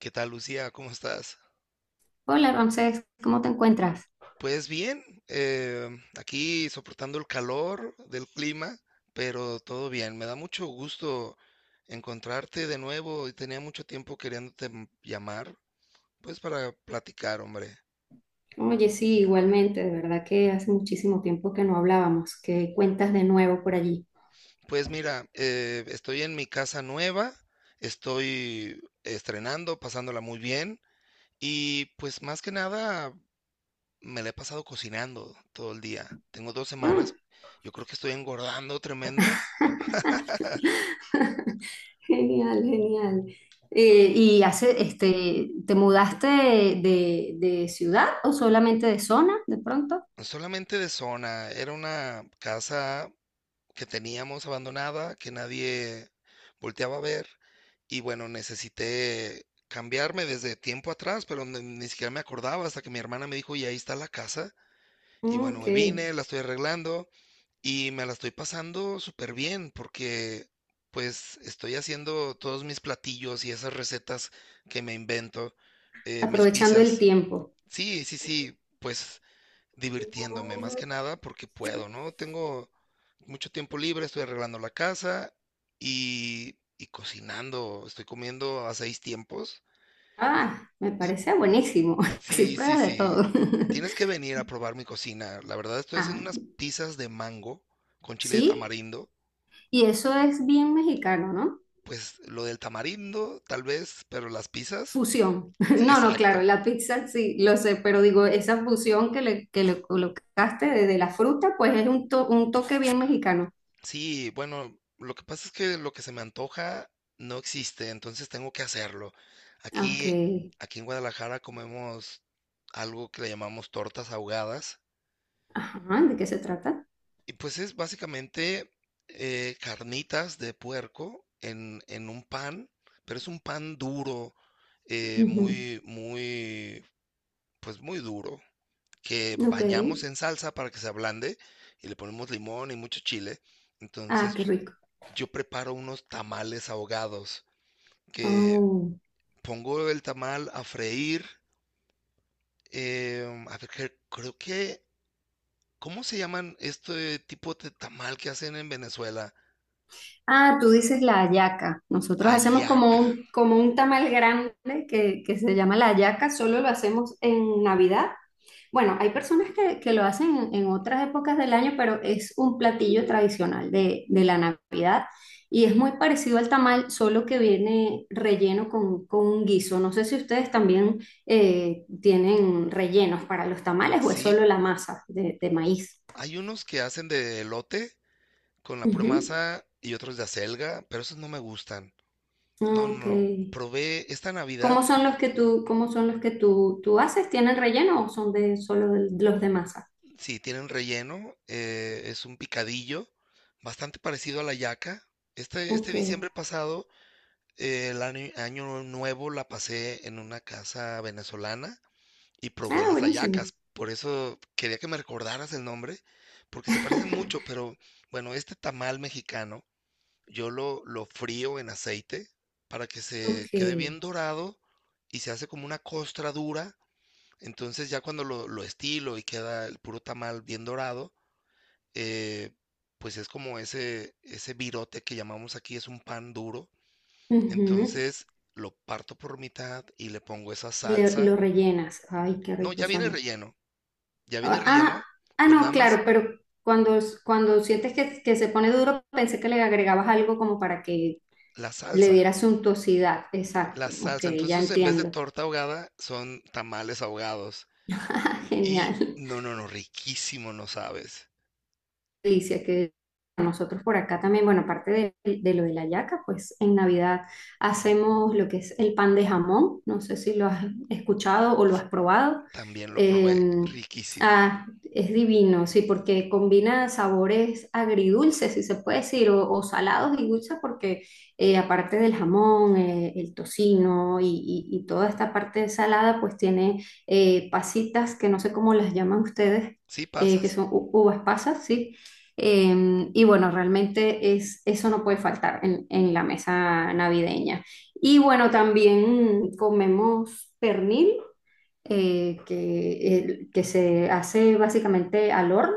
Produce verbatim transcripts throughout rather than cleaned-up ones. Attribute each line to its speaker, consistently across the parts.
Speaker 1: ¿Qué tal, Lucía? ¿Cómo estás?
Speaker 2: Hola Ramsés, ¿cómo te encuentras?
Speaker 1: Pues bien, eh, aquí soportando el calor del clima, pero todo bien. Me da mucho gusto encontrarte de nuevo y tenía mucho tiempo queriéndote m- llamar, pues para platicar, hombre.
Speaker 2: Oye, sí, igualmente, de verdad que hace muchísimo tiempo que no hablábamos. ¿Qué cuentas de nuevo por allí?
Speaker 1: Pues mira, eh, estoy en mi casa nueva, estoy estrenando, pasándola muy bien y pues más que nada me la he pasado cocinando todo el día. Tengo dos
Speaker 2: Mm.
Speaker 1: semanas, yo creo que estoy engordando tremendo.
Speaker 2: Genial, genial. Eh, ¿y hace, este, te mudaste de, de ciudad o solamente de zona de pronto?
Speaker 1: Solamente de zona. Era una casa que teníamos abandonada, que nadie volteaba a ver. Y bueno, necesité cambiarme desde tiempo atrás, pero ni, ni siquiera me acordaba hasta que mi hermana me dijo, y ahí está la casa. Y
Speaker 2: Mm.
Speaker 1: bueno,
Speaker 2: Ok.
Speaker 1: me vine, la estoy arreglando y me la estoy pasando súper bien porque pues estoy haciendo todos mis platillos y esas recetas que me invento, eh, mis
Speaker 2: Aprovechando el
Speaker 1: pizzas.
Speaker 2: tiempo.
Speaker 1: Sí, sí, sí, pues divirtiéndome más que nada porque puedo, ¿no? Tengo mucho tiempo libre, estoy arreglando la casa y, y cocinando, estoy comiendo a seis tiempos. en-
Speaker 2: Ah, me parece buenísimo, así
Speaker 1: Sí, sí,
Speaker 2: pruebas de
Speaker 1: sí.
Speaker 2: todo.
Speaker 1: Tienes que venir a probar mi cocina. La verdad estoy haciendo
Speaker 2: Ah,
Speaker 1: unas pizzas de mango con chile de
Speaker 2: sí,
Speaker 1: tamarindo.
Speaker 2: y eso es bien mexicano, ¿no?
Speaker 1: Pues lo del tamarindo, tal vez, pero las pizzas,
Speaker 2: Fusión.
Speaker 1: sí,
Speaker 2: No, no, claro,
Speaker 1: exacto.
Speaker 2: la pizza sí, lo sé, pero digo, esa fusión que le, que le colocaste de, de la fruta, pues es un, to- un toque bien mexicano.
Speaker 1: Sí, bueno, lo que pasa es que lo que se me antoja no existe, entonces tengo que hacerlo.
Speaker 2: Ok.
Speaker 1: Aquí, aquí en Guadalajara comemos algo que le llamamos tortas ahogadas,
Speaker 2: Ajá, ¿de qué se trata?
Speaker 1: y pues es básicamente eh, carnitas de puerco en, en un pan, pero es un pan duro, eh,
Speaker 2: Ujú.
Speaker 1: muy, muy, pues muy duro, que
Speaker 2: Ok.
Speaker 1: bañamos en salsa para que se ablande y le ponemos limón y mucho chile.
Speaker 2: Ah,
Speaker 1: Entonces
Speaker 2: qué rico.
Speaker 1: yo preparo unos tamales ahogados, que
Speaker 2: Oh.
Speaker 1: pongo el tamal a freír. Em, a ver, cre- creo que, ¿cómo se llaman este tipo de tamal que hacen en Venezuela?
Speaker 2: Ah, tú dices la hallaca. Nosotros hacemos como
Speaker 1: Ayaca,
Speaker 2: un, como un tamal grande que, que se llama la hallaca, solo lo hacemos en Navidad. Bueno, hay personas que, que lo hacen en, en otras épocas del año, pero es un platillo tradicional de, de la Navidad y es muy parecido al tamal, solo que viene relleno con, con un guiso. No sé si ustedes también eh, tienen rellenos para los tamales o es
Speaker 1: ¿sí?
Speaker 2: solo la masa de, de maíz.
Speaker 1: Hay unos que hacen de elote con la pura
Speaker 2: Ujú.
Speaker 1: masa y otros de acelga, pero esos no me gustan. No, no,
Speaker 2: Ok.
Speaker 1: no. Probé esta Navidad,
Speaker 2: ¿Cómo son los que tú, cómo son los que tú, tú haces? ¿Tienen relleno o son de solo de- los de masa?
Speaker 1: sí, tienen relleno, eh, es un picadillo, bastante parecido a la yaca. Este, este
Speaker 2: Ok.
Speaker 1: diciembre pasado, Eh, El año año nuevo la pasé en una casa venezolana y probé
Speaker 2: Ah,
Speaker 1: las
Speaker 2: buenísimo.
Speaker 1: hallacas. Por eso quería que me recordaras el nombre, porque se parecen mucho, pero bueno, este tamal mexicano yo lo, lo frío en aceite para que se
Speaker 2: Ok.
Speaker 1: quede bien dorado y se hace como una costra dura. Entonces ya cuando lo, lo estilo y queda el puro tamal bien dorado, eh, pues es como ese, ese virote que llamamos aquí, es un pan duro.
Speaker 2: Ujú.
Speaker 1: Entonces lo parto por mitad y le pongo esa
Speaker 2: Le-
Speaker 1: salsa.
Speaker 2: lo rellenas. Ay, qué
Speaker 1: No,
Speaker 2: rico
Speaker 1: ya viene el
Speaker 2: suena.
Speaker 1: relleno, ya viene
Speaker 2: Ah,
Speaker 1: el
Speaker 2: ah,
Speaker 1: relleno,
Speaker 2: ah,
Speaker 1: pero nada
Speaker 2: no,
Speaker 1: más
Speaker 2: claro, pero cuando, cuando sientes que, que se pone duro, pensé que le agregabas algo como para que
Speaker 1: la
Speaker 2: le
Speaker 1: salsa,
Speaker 2: diera suntuosidad.
Speaker 1: la
Speaker 2: Exacto, ok,
Speaker 1: salsa.
Speaker 2: ya
Speaker 1: Entonces en vez de
Speaker 2: entiendo.
Speaker 1: torta ahogada son tamales ahogados. Y
Speaker 2: Genial.
Speaker 1: no, no, no, riquísimo, no sabes.
Speaker 2: Delicia que nosotros por acá también, bueno, aparte de, de lo de la yaca, pues en Navidad hacemos lo que es el pan de jamón, no sé si lo has escuchado o lo has probado.
Speaker 1: También lo
Speaker 2: Eh,
Speaker 1: probé, riquísimo.
Speaker 2: ah, es divino, sí, porque combina sabores agridulces, si se puede decir, o, o salados y dulces, porque eh, aparte del jamón, eh, el tocino y, y- y toda esta parte salada, pues tiene eh, pasitas que no sé cómo las llaman ustedes,
Speaker 1: ¿Sí
Speaker 2: eh, que
Speaker 1: pasas?
Speaker 2: son u- uvas pasas, sí, eh, y bueno, realmente es, eso no puede faltar en, en la mesa navideña. Y bueno, también comemos pernil, eh, que, el- que se hace básicamente al horno,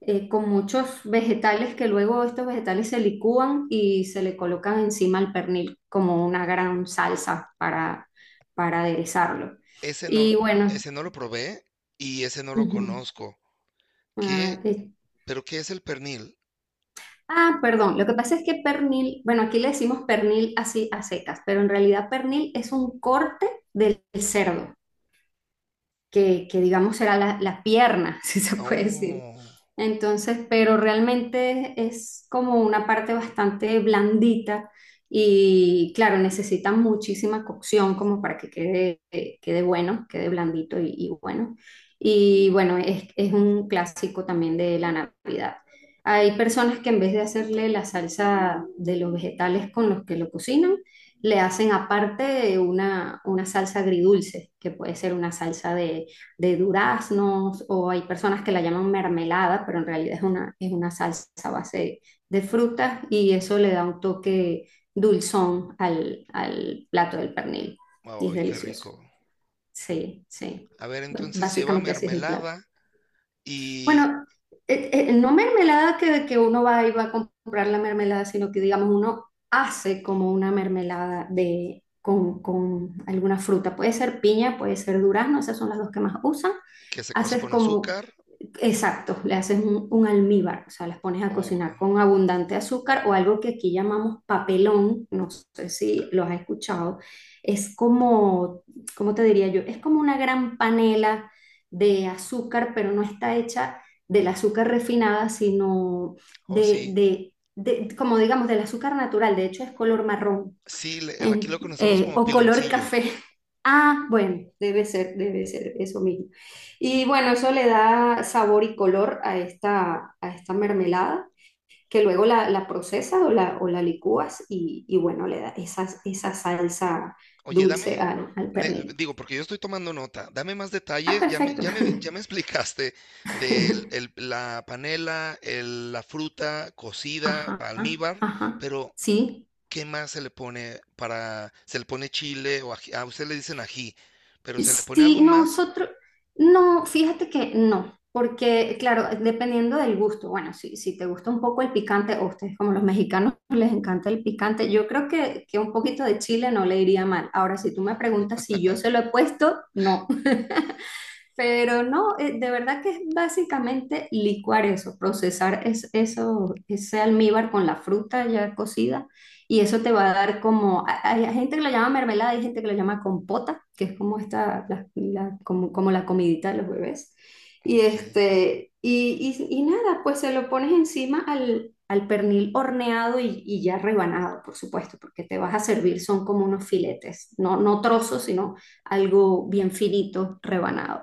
Speaker 2: eh, con muchos vegetales que luego estos vegetales se licúan y se le colocan encima al pernil como una gran salsa para, para aderezarlo.
Speaker 1: Ese no,
Speaker 2: Y bueno,
Speaker 1: ese no lo probé y ese no lo
Speaker 2: ujú,
Speaker 1: conozco. ¿Qué?
Speaker 2: ah. eh,
Speaker 1: ¿Pero qué es el pernil?
Speaker 2: Ah, perdón, lo que pasa es que pernil, bueno, aquí le decimos pernil así a secas, pero en realidad pernil es un corte del cerdo que, que digamos era la, la pierna, si se puede decir.
Speaker 1: Oh,
Speaker 2: Entonces, pero realmente es como una parte bastante blandita y claro, necesita muchísima cocción como para que quede, eh, quede bueno, quede blandito y, y bueno. Y bueno, es, es un clásico también de la Navidad. Hay personas que en vez de hacerle la salsa de los vegetales con los que lo cocinan, le hacen aparte una, una salsa agridulce, que puede ser una salsa de, de duraznos, o hay personas que la llaman mermelada, pero en realidad es una, es una salsa a base de frutas y eso le da un toque dulzón al, al plato del pernil. Y es
Speaker 1: ay, qué
Speaker 2: delicioso.
Speaker 1: rico.
Speaker 2: Sí, sí.
Speaker 1: A ver,
Speaker 2: Bueno,
Speaker 1: entonces lleva
Speaker 2: básicamente así es el plato.
Speaker 1: mermelada, y
Speaker 2: Bueno, eh, eh, no mermelada que, que uno va y va a comprar la mermelada, sino que digamos uno hace como una mermelada de, con, con alguna fruta. Puede ser piña, puede ser durazno, esas son las dos que más usan.
Speaker 1: que se cose
Speaker 2: haces
Speaker 1: con
Speaker 2: como,
Speaker 1: azúcar
Speaker 2: exacto, le haces un, un almíbar, o sea, las pones a
Speaker 1: o
Speaker 2: cocinar con abundante azúcar o algo que aquí llamamos papelón, no sé si lo has escuchado. Es como, ¿cómo te diría yo? Es como una gran panela de azúcar, pero no está hecha del azúcar refinada, sino
Speaker 1: o
Speaker 2: de,
Speaker 1: sí.
Speaker 2: de, de, como digamos, del azúcar natural, de hecho es color marrón
Speaker 1: Sí, le- el- aquí
Speaker 2: en-
Speaker 1: lo conocemos
Speaker 2: eh,
Speaker 1: como
Speaker 2: o color
Speaker 1: piloncillo.
Speaker 2: café. Ah, bueno, debe ser, debe ser eso mismo. Y bueno, eso le da sabor y color a esta, a esta mermelada, que luego la, la procesas o la, o la licúas y, y bueno, le da esa, esa salsa
Speaker 1: Oye, dame,
Speaker 2: dulce al, al
Speaker 1: ne-
Speaker 2: pernil.
Speaker 1: digo, porque yo estoy tomando nota, dame más
Speaker 2: Ah,
Speaker 1: detalle, ya me,
Speaker 2: perfecto.
Speaker 1: ya me, ya me explicaste de la panela, el- la fruta cocida,
Speaker 2: Ajá,
Speaker 1: almíbar,
Speaker 2: ajá.
Speaker 1: pero
Speaker 2: Sí.
Speaker 1: ¿qué más se le pone para, se le pone chile o ají? A usted le dicen ají, pero ¿se le pone
Speaker 2: Sí,
Speaker 1: algo más?
Speaker 2: nosotros, no, fíjate que no, porque claro, dependiendo del gusto, bueno, si, si te gusta un poco el picante, o ustedes como los mexicanos les encanta el picante, yo creo que, que un poquito de chile no le iría mal. Ahora, si tú me preguntas si yo se lo he puesto, no, pero no, eh, de verdad que es básicamente licuar eso, procesar es- eso, ese almíbar con la fruta ya cocida y eso te va a dar como, a- hay gente que lo llama mermelada, hay gente que lo llama compota, que es como esta, la- la- como, como la comidita de los bebés. Y
Speaker 1: Ok.
Speaker 2: este, y, y- y nada, pues se lo pones encima al, al pernil horneado y, y ya rebanado, por supuesto, porque te vas a servir, son como unos filetes, no, no trozos, sino algo bien finito, rebanado.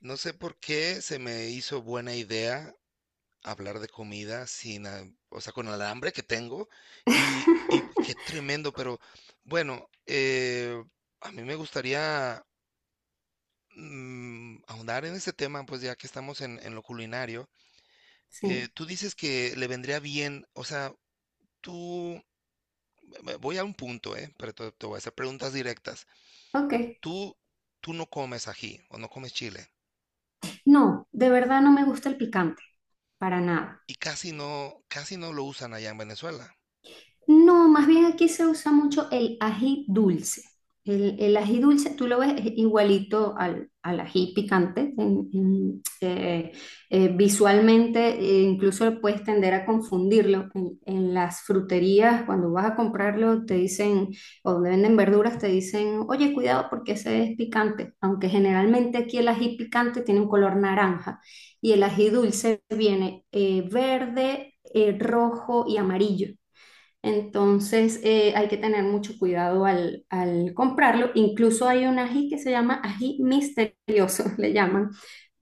Speaker 1: No sé por qué se me hizo buena idea hablar de comida sin, ah, o sea, con el hambre que tengo y, y qué tremendo, pero bueno, eh, a mí me gustaría mm, ahondar en ese tema, pues ya que estamos en, en lo culinario, eh,
Speaker 2: Sí,
Speaker 1: tú dices que le vendría bien, o sea, tú, ve- voy a un punto, eh, pero te, te voy a hacer preguntas directas.
Speaker 2: ok.
Speaker 1: Tú, tú no comes ají o no comes chile
Speaker 2: No, de verdad no me gusta el picante, para nada.
Speaker 1: y casi no, casi no lo usan allá en Venezuela.
Speaker 2: No, más bien aquí se usa mucho el ají dulce. El, el ají dulce, tú lo ves es igualito al, al ají picante. En- en, eh, eh, visualmente, eh, incluso puedes tender a confundirlo. En, en las fruterías, cuando vas a comprarlo, te dicen, o donde venden verduras, te dicen, oye, cuidado porque ese es picante. Aunque generalmente aquí el ají picante tiene un color naranja y el ají dulce viene eh, verde, eh, rojo y amarillo. Entonces eh, hay que tener mucho cuidado al, al comprarlo. Incluso hay un ají que se llama ají misterioso, le llaman,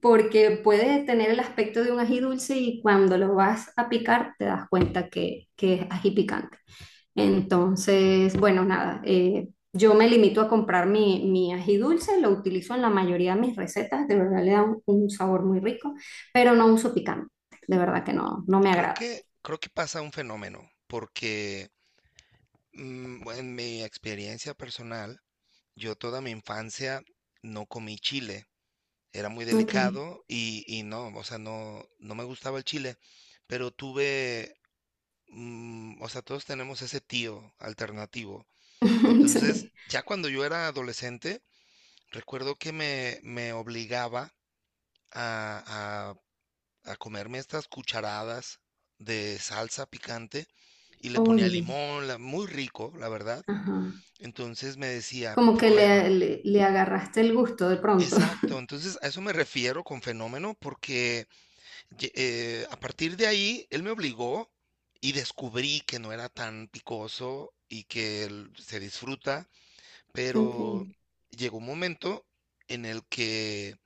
Speaker 2: porque puede tener el aspecto de un ají dulce y cuando lo vas a picar te das cuenta que, que es ají picante. Entonces, bueno, nada, eh, yo me limito a comprar mi, mi ají dulce, lo utilizo en la mayoría de mis recetas, de verdad le da un, un sabor muy rico, pero no uso picante, de verdad que no, no me
Speaker 1: Creo
Speaker 2: agrada.
Speaker 1: que, creo que pasa un fenómeno, porque Mm, bueno, en mi experiencia personal, yo toda mi infancia no comí chile. Era muy
Speaker 2: Ok,
Speaker 1: delicado y, y no, o sea, no, no me gustaba el chile, pero tuve, mm, o sea, todos tenemos ese tío alternativo. Entonces,
Speaker 2: sí.
Speaker 1: ya cuando yo era adolescente, recuerdo que me, me obligaba a, a a comerme estas cucharadas de salsa picante y le ponía
Speaker 2: Oye.
Speaker 1: limón, la- muy rico, la verdad.
Speaker 2: Ajá.
Speaker 1: Entonces me decía,
Speaker 2: Como que le,
Speaker 1: pruébalo.
Speaker 2: le, le agarraste el gusto de pronto.
Speaker 1: Exacto, entonces a eso me refiero con fenómeno porque ye- eh, a partir de ahí él me obligó y descubrí que no era tan picoso y que el- se disfruta, pero
Speaker 2: Ok.
Speaker 1: llegó un momento en el que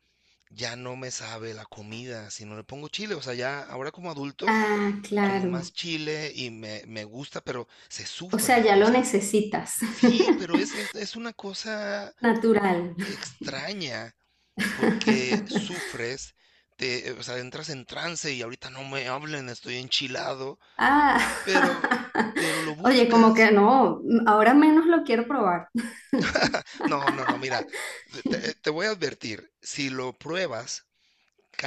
Speaker 1: ya no me sabe la comida si no le pongo chile, o sea, ya ahora como adulto
Speaker 2: Ah,
Speaker 1: como más
Speaker 2: claro.
Speaker 1: chile y me, me gusta, pero se
Speaker 2: O sea,
Speaker 1: sufre,
Speaker 2: ya
Speaker 1: o
Speaker 2: lo
Speaker 1: sea,
Speaker 2: necesitas.
Speaker 1: sí, pero es, es es una cosa
Speaker 2: Natural.
Speaker 1: extraña. Porque sufres, te, o sea, entras en trance y ahorita no me hablen, estoy enchilado,
Speaker 2: Ah.
Speaker 1: pero, pero lo
Speaker 2: Oye, como
Speaker 1: buscas.
Speaker 2: que no, ahora menos lo quiero probar.
Speaker 1: No, no, no, mira, te, te- te voy a advertir, si lo pruebas,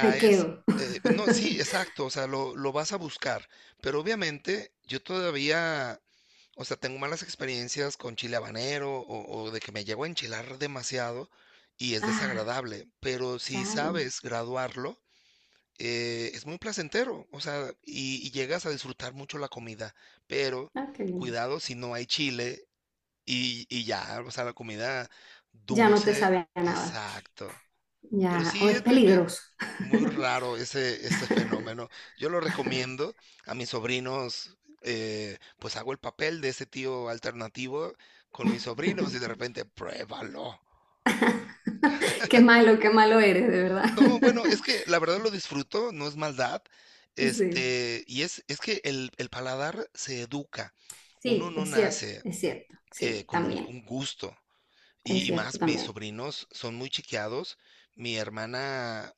Speaker 2: Me quedo.
Speaker 1: eh, no, sí, exacto, o sea, lo, lo vas a buscar, pero obviamente yo todavía, o sea, tengo malas experiencias con chile habanero o, o de que me llego a enchilar demasiado y es
Speaker 2: Ah,
Speaker 1: desagradable, pero si
Speaker 2: claro.
Speaker 1: sabes graduarlo, eh, es muy placentero, o sea, y, y llegas a disfrutar mucho la comida, pero
Speaker 2: Ah, qué bien.
Speaker 1: cuidado si no hay chile y, y ya, o sea, la comida
Speaker 2: Ya no te
Speaker 1: dulce,
Speaker 2: sabía nada.
Speaker 1: exacto. Pero
Speaker 2: Ya, o
Speaker 1: sí,
Speaker 2: es
Speaker 1: es me- me-
Speaker 2: peligroso.
Speaker 1: muy raro ese, ese fenómeno. Yo lo recomiendo a mis sobrinos, eh, pues hago el papel de ese tío alternativo con mis sobrinos y de repente, pruébalo.
Speaker 2: Qué malo, qué malo eres, de verdad.
Speaker 1: No, bueno, es que la verdad lo disfruto, no es maldad.
Speaker 2: Sí.
Speaker 1: Este, y es, es que el, el paladar se educa. Uno
Speaker 2: Sí,
Speaker 1: no
Speaker 2: es cierto,
Speaker 1: nace
Speaker 2: es cierto,
Speaker 1: eh,
Speaker 2: sí,
Speaker 1: con un,
Speaker 2: también,
Speaker 1: un gusto.
Speaker 2: es
Speaker 1: Y, y
Speaker 2: cierto
Speaker 1: más, mis
Speaker 2: también.
Speaker 1: sobrinos son muy chiqueados. Mi hermana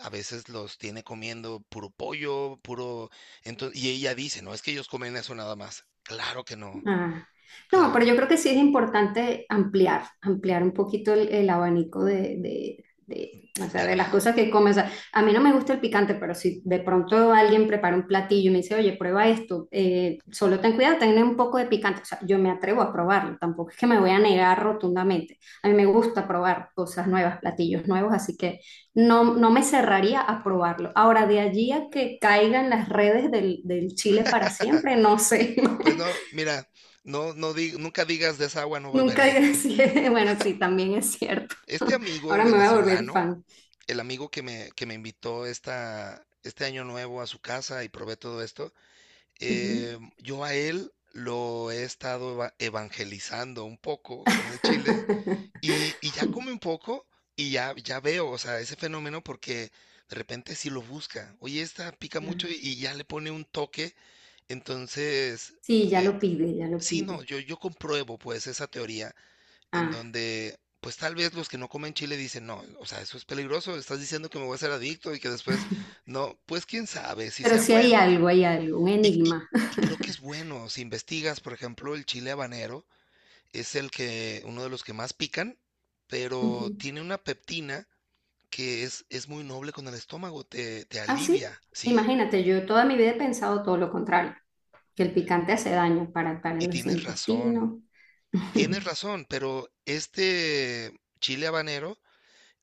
Speaker 1: a veces los tiene comiendo puro pollo, puro... Entonces, y ella dice, no, es que ellos comen eso nada más. Claro que no,
Speaker 2: Ah, no, pero
Speaker 1: claro,
Speaker 2: yo creo que sí es importante ampliar, ampliar un poquito el, el abanico de, de- de, o sea, de las
Speaker 1: verdad.
Speaker 2: cosas que comes. O sea, a mí no me gusta el picante, pero si de pronto alguien prepara un platillo y me dice, oye, prueba esto, eh, solo ten cuidado, ten un poco de picante. O sea, yo me atrevo a probarlo, tampoco es que me voy a negar rotundamente. A mí me gusta probar cosas nuevas, platillos nuevos, así que no, no me cerraría a probarlo. Ahora, de allí a que caigan las redes del, del chile para siempre, no sé.
Speaker 1: Pues no, mira, no, no di- nunca digas de esa agua no
Speaker 2: Nunca
Speaker 1: beberé.
Speaker 2: digas. Bueno, sí, también es cierto.
Speaker 1: Este amigo
Speaker 2: Ahora me voy a volver
Speaker 1: venezolano,
Speaker 2: fan.
Speaker 1: el amigo que me, que me invitó esta, este año nuevo a su casa y probé todo esto, eh,
Speaker 2: Ujú.
Speaker 1: yo a él lo he estado eva- evangelizando un poco con el chile y, y ya come un poco y ya, ya veo, o sea, ese fenómeno porque de repente si lo busca. Oye, esta pica mucho y, y ya le pone un toque, entonces,
Speaker 2: Sí, ya
Speaker 1: eh,
Speaker 2: lo pide, ya lo
Speaker 1: sí, no,
Speaker 2: pide.
Speaker 1: yo, yo compruebo pues esa teoría en
Speaker 2: Ah,
Speaker 1: donde, pues tal vez los que no comen chile dicen, no, o sea, eso es peligroso, estás diciendo que me voy a hacer adicto y que después, no, pues quién sabe si
Speaker 2: pero
Speaker 1: sea
Speaker 2: sí hay
Speaker 1: bueno.
Speaker 2: algo, hay algo, un
Speaker 1: Y, y-
Speaker 2: enigma.
Speaker 1: y creo que es bueno, si investigas, por ejemplo, el chile habanero es el que, uno de los que más pican, pero
Speaker 2: Ujú.
Speaker 1: tiene una peptina que es, es muy noble con el estómago, te, te
Speaker 2: Ah, sí.
Speaker 1: alivia, ¿sí?
Speaker 2: Imagínate, yo toda mi vida he pensado todo lo contrario, que el picante hace daño para, para
Speaker 1: Y
Speaker 2: los
Speaker 1: tienes razón,
Speaker 2: intestinos.
Speaker 1: tienes razón, pero este chile habanero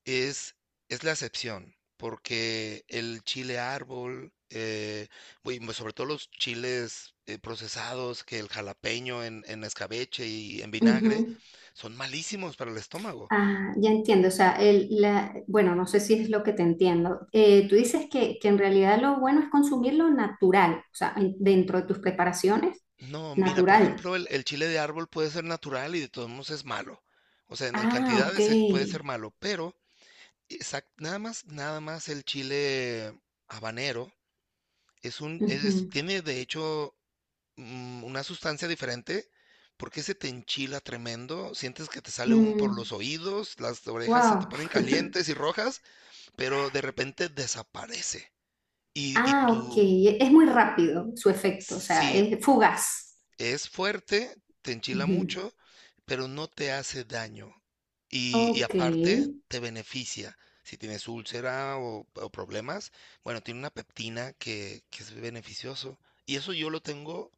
Speaker 1: Es, es la excepción, porque el chile árbol, eh, güey, mo- sobre todo los chiles eh, procesados, que el jalapeño en, en escabeche y en vinagre,
Speaker 2: Ujú.
Speaker 1: son malísimos para el estómago.
Speaker 2: Ah, ya entiendo, o sea, el, la, bueno, no sé si es lo que te entiendo. Eh, tú dices que, que en realidad lo bueno es consumir lo natural, o sea, en- dentro de tus preparaciones,
Speaker 1: No, mira, por
Speaker 2: natural.
Speaker 1: ejemplo, el, el chile de árbol puede ser natural y de todos modos es malo. O sea, en, en
Speaker 2: Ah, ok.
Speaker 1: cantidades eh, puede ser malo, pero exact- nada más, nada más el chile habanero. Es un, es,
Speaker 2: Ujú.
Speaker 1: tiene de hecho mm, una sustancia diferente porque se te enchila tremendo, sientes que te sale humo por
Speaker 2: Mm,
Speaker 1: los oídos, las orejas se te
Speaker 2: wow.
Speaker 1: ponen calientes y rojas, pero de repente desaparece. Y, y
Speaker 2: Ah, ok.
Speaker 1: tú,
Speaker 2: E, Es muy rápido su efecto, o sea,
Speaker 1: si
Speaker 2: es fugaz.
Speaker 1: es fuerte, te enchila
Speaker 2: Ujú.
Speaker 1: mucho, pero no te hace daño. Y, y
Speaker 2: Ok.
Speaker 1: aparte, te beneficia. Si tienes úlcera o, o problemas, bueno, tiene una peptina que, que es beneficioso. Y eso yo lo tengo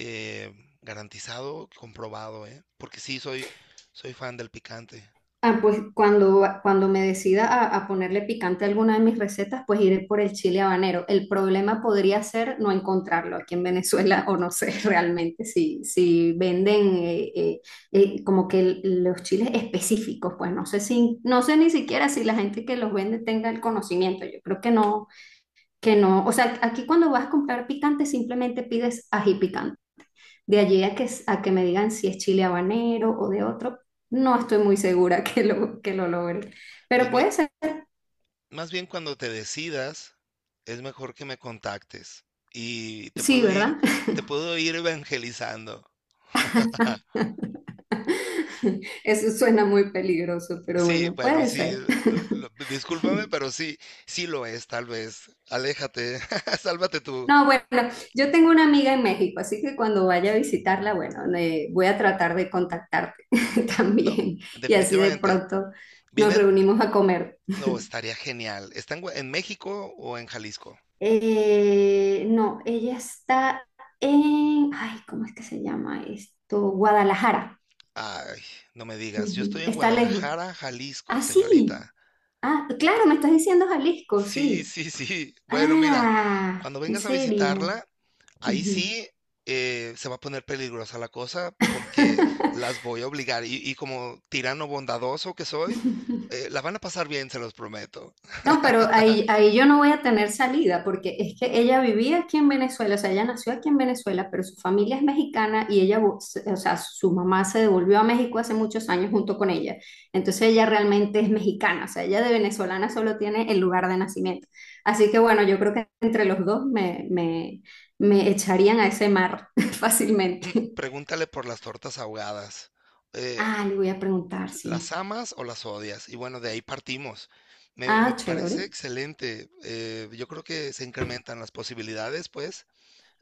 Speaker 1: Eh, garantizado, comprobado, ¿eh? Porque sí, soy, soy fan del picante.
Speaker 2: Ah, pues cuando, cuando me decida a, a ponerle picante a alguna de mis recetas, pues iré por el chile habanero. El problema podría ser no encontrarlo aquí en Venezuela o no sé realmente si, si venden eh, eh, eh, como que el- los chiles específicos, pues no sé si, no sé ni siquiera si la gente que los vende tenga el conocimiento. Yo creo que no, que no. O sea, aquí cuando vas a comprar picante simplemente pides ají picante. De allí a que, a que me digan si es chile habanero o de otro, no estoy muy segura que lo, que lo logre. Pero
Speaker 1: Pues mi-
Speaker 2: puede ser,
Speaker 1: más bien cuando te decidas, es mejor que me contactes y te
Speaker 2: sí,
Speaker 1: puedo ir,
Speaker 2: ¿verdad?
Speaker 1: te puedo ir evangelizando.
Speaker 2: Eso suena muy peligroso, pero
Speaker 1: Sí,
Speaker 2: bueno,
Speaker 1: bueno,
Speaker 2: puede
Speaker 1: sí,
Speaker 2: ser.
Speaker 1: eh, lo- discúlpame, pero sí, sí lo es, tal vez. Aléjate, sálvate tú.
Speaker 2: No, bueno, yo tengo una amiga en México, así que cuando vaya a visitarla, bueno, le- voy a tratar de contactarte
Speaker 1: No,
Speaker 2: también y así de
Speaker 1: definitivamente.
Speaker 2: pronto nos
Speaker 1: Vienen,
Speaker 2: reunimos a comer.
Speaker 1: no, estaría genial. ¿Están en Gua- en México o en Jalisco?
Speaker 2: Eh, no, ella está en, ay, ¿cómo es que se llama esto? Guadalajara.
Speaker 1: Ay, no me digas, yo
Speaker 2: Ujú.
Speaker 1: estoy en
Speaker 2: Está lejos.
Speaker 1: Guadalajara, Jalisco,
Speaker 2: Ah, sí.
Speaker 1: señorita.
Speaker 2: Ah, claro, me estás diciendo Jalisco,
Speaker 1: Sí,
Speaker 2: sí.
Speaker 1: sí, sí. Bueno, mira,
Speaker 2: Ah,
Speaker 1: cuando
Speaker 2: en
Speaker 1: vengas a
Speaker 2: serio.
Speaker 1: visitarla, ahí
Speaker 2: Ujú.
Speaker 1: sí eh, se va a poner peligrosa la cosa porque las voy a obligar. Y, y como tirano bondadoso que soy, eh, la van a pasar bien, se los prometo.
Speaker 2: No, pero ahí, ahí yo no voy a tener salida porque es que ella vivía aquí en Venezuela, o sea, ella nació aquí en Venezuela, pero su familia es mexicana y ella, vo- s- o sea, su mamá se devolvió a México hace muchos años junto con ella. Entonces ella realmente es mexicana, o sea, ella de venezolana solo tiene el lugar de nacimiento. Así que bueno, yo creo que entre los dos me, me, me echarían a ese mar fácilmente.
Speaker 1: Pregúntale por las tortas ahogadas. Eh,
Speaker 2: Ah, le voy a preguntar, sí.
Speaker 1: ¿Las amas o las odias? Y bueno, de ahí partimos. Me, me
Speaker 2: Ah,
Speaker 1: parece
Speaker 2: chévere.
Speaker 1: excelente. Eh, yo creo que se incrementan las posibilidades, pues,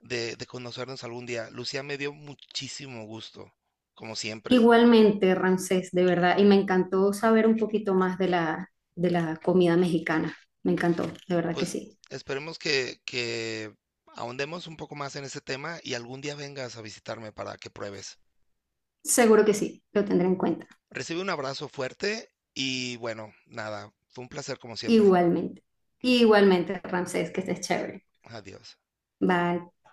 Speaker 1: de, de conocernos algún día. Lucía, me dio muchísimo gusto, como siempre.
Speaker 2: Igualmente, Ramsés, de verdad, y me encantó saber un poquito más de la, de la comida mexicana. Me encantó, de verdad que
Speaker 1: Pues
Speaker 2: sí.
Speaker 1: esperemos que, que ahondemos un poco más en ese tema y algún día vengas a visitarme para que pruebes.
Speaker 2: Seguro que sí, lo tendré en cuenta.
Speaker 1: Recibe un abrazo fuerte y bueno, nada, fue un placer como siempre.
Speaker 2: Igualmente. Igualmente, Ramsés, que estés chévere.
Speaker 1: Adiós.
Speaker 2: Bye.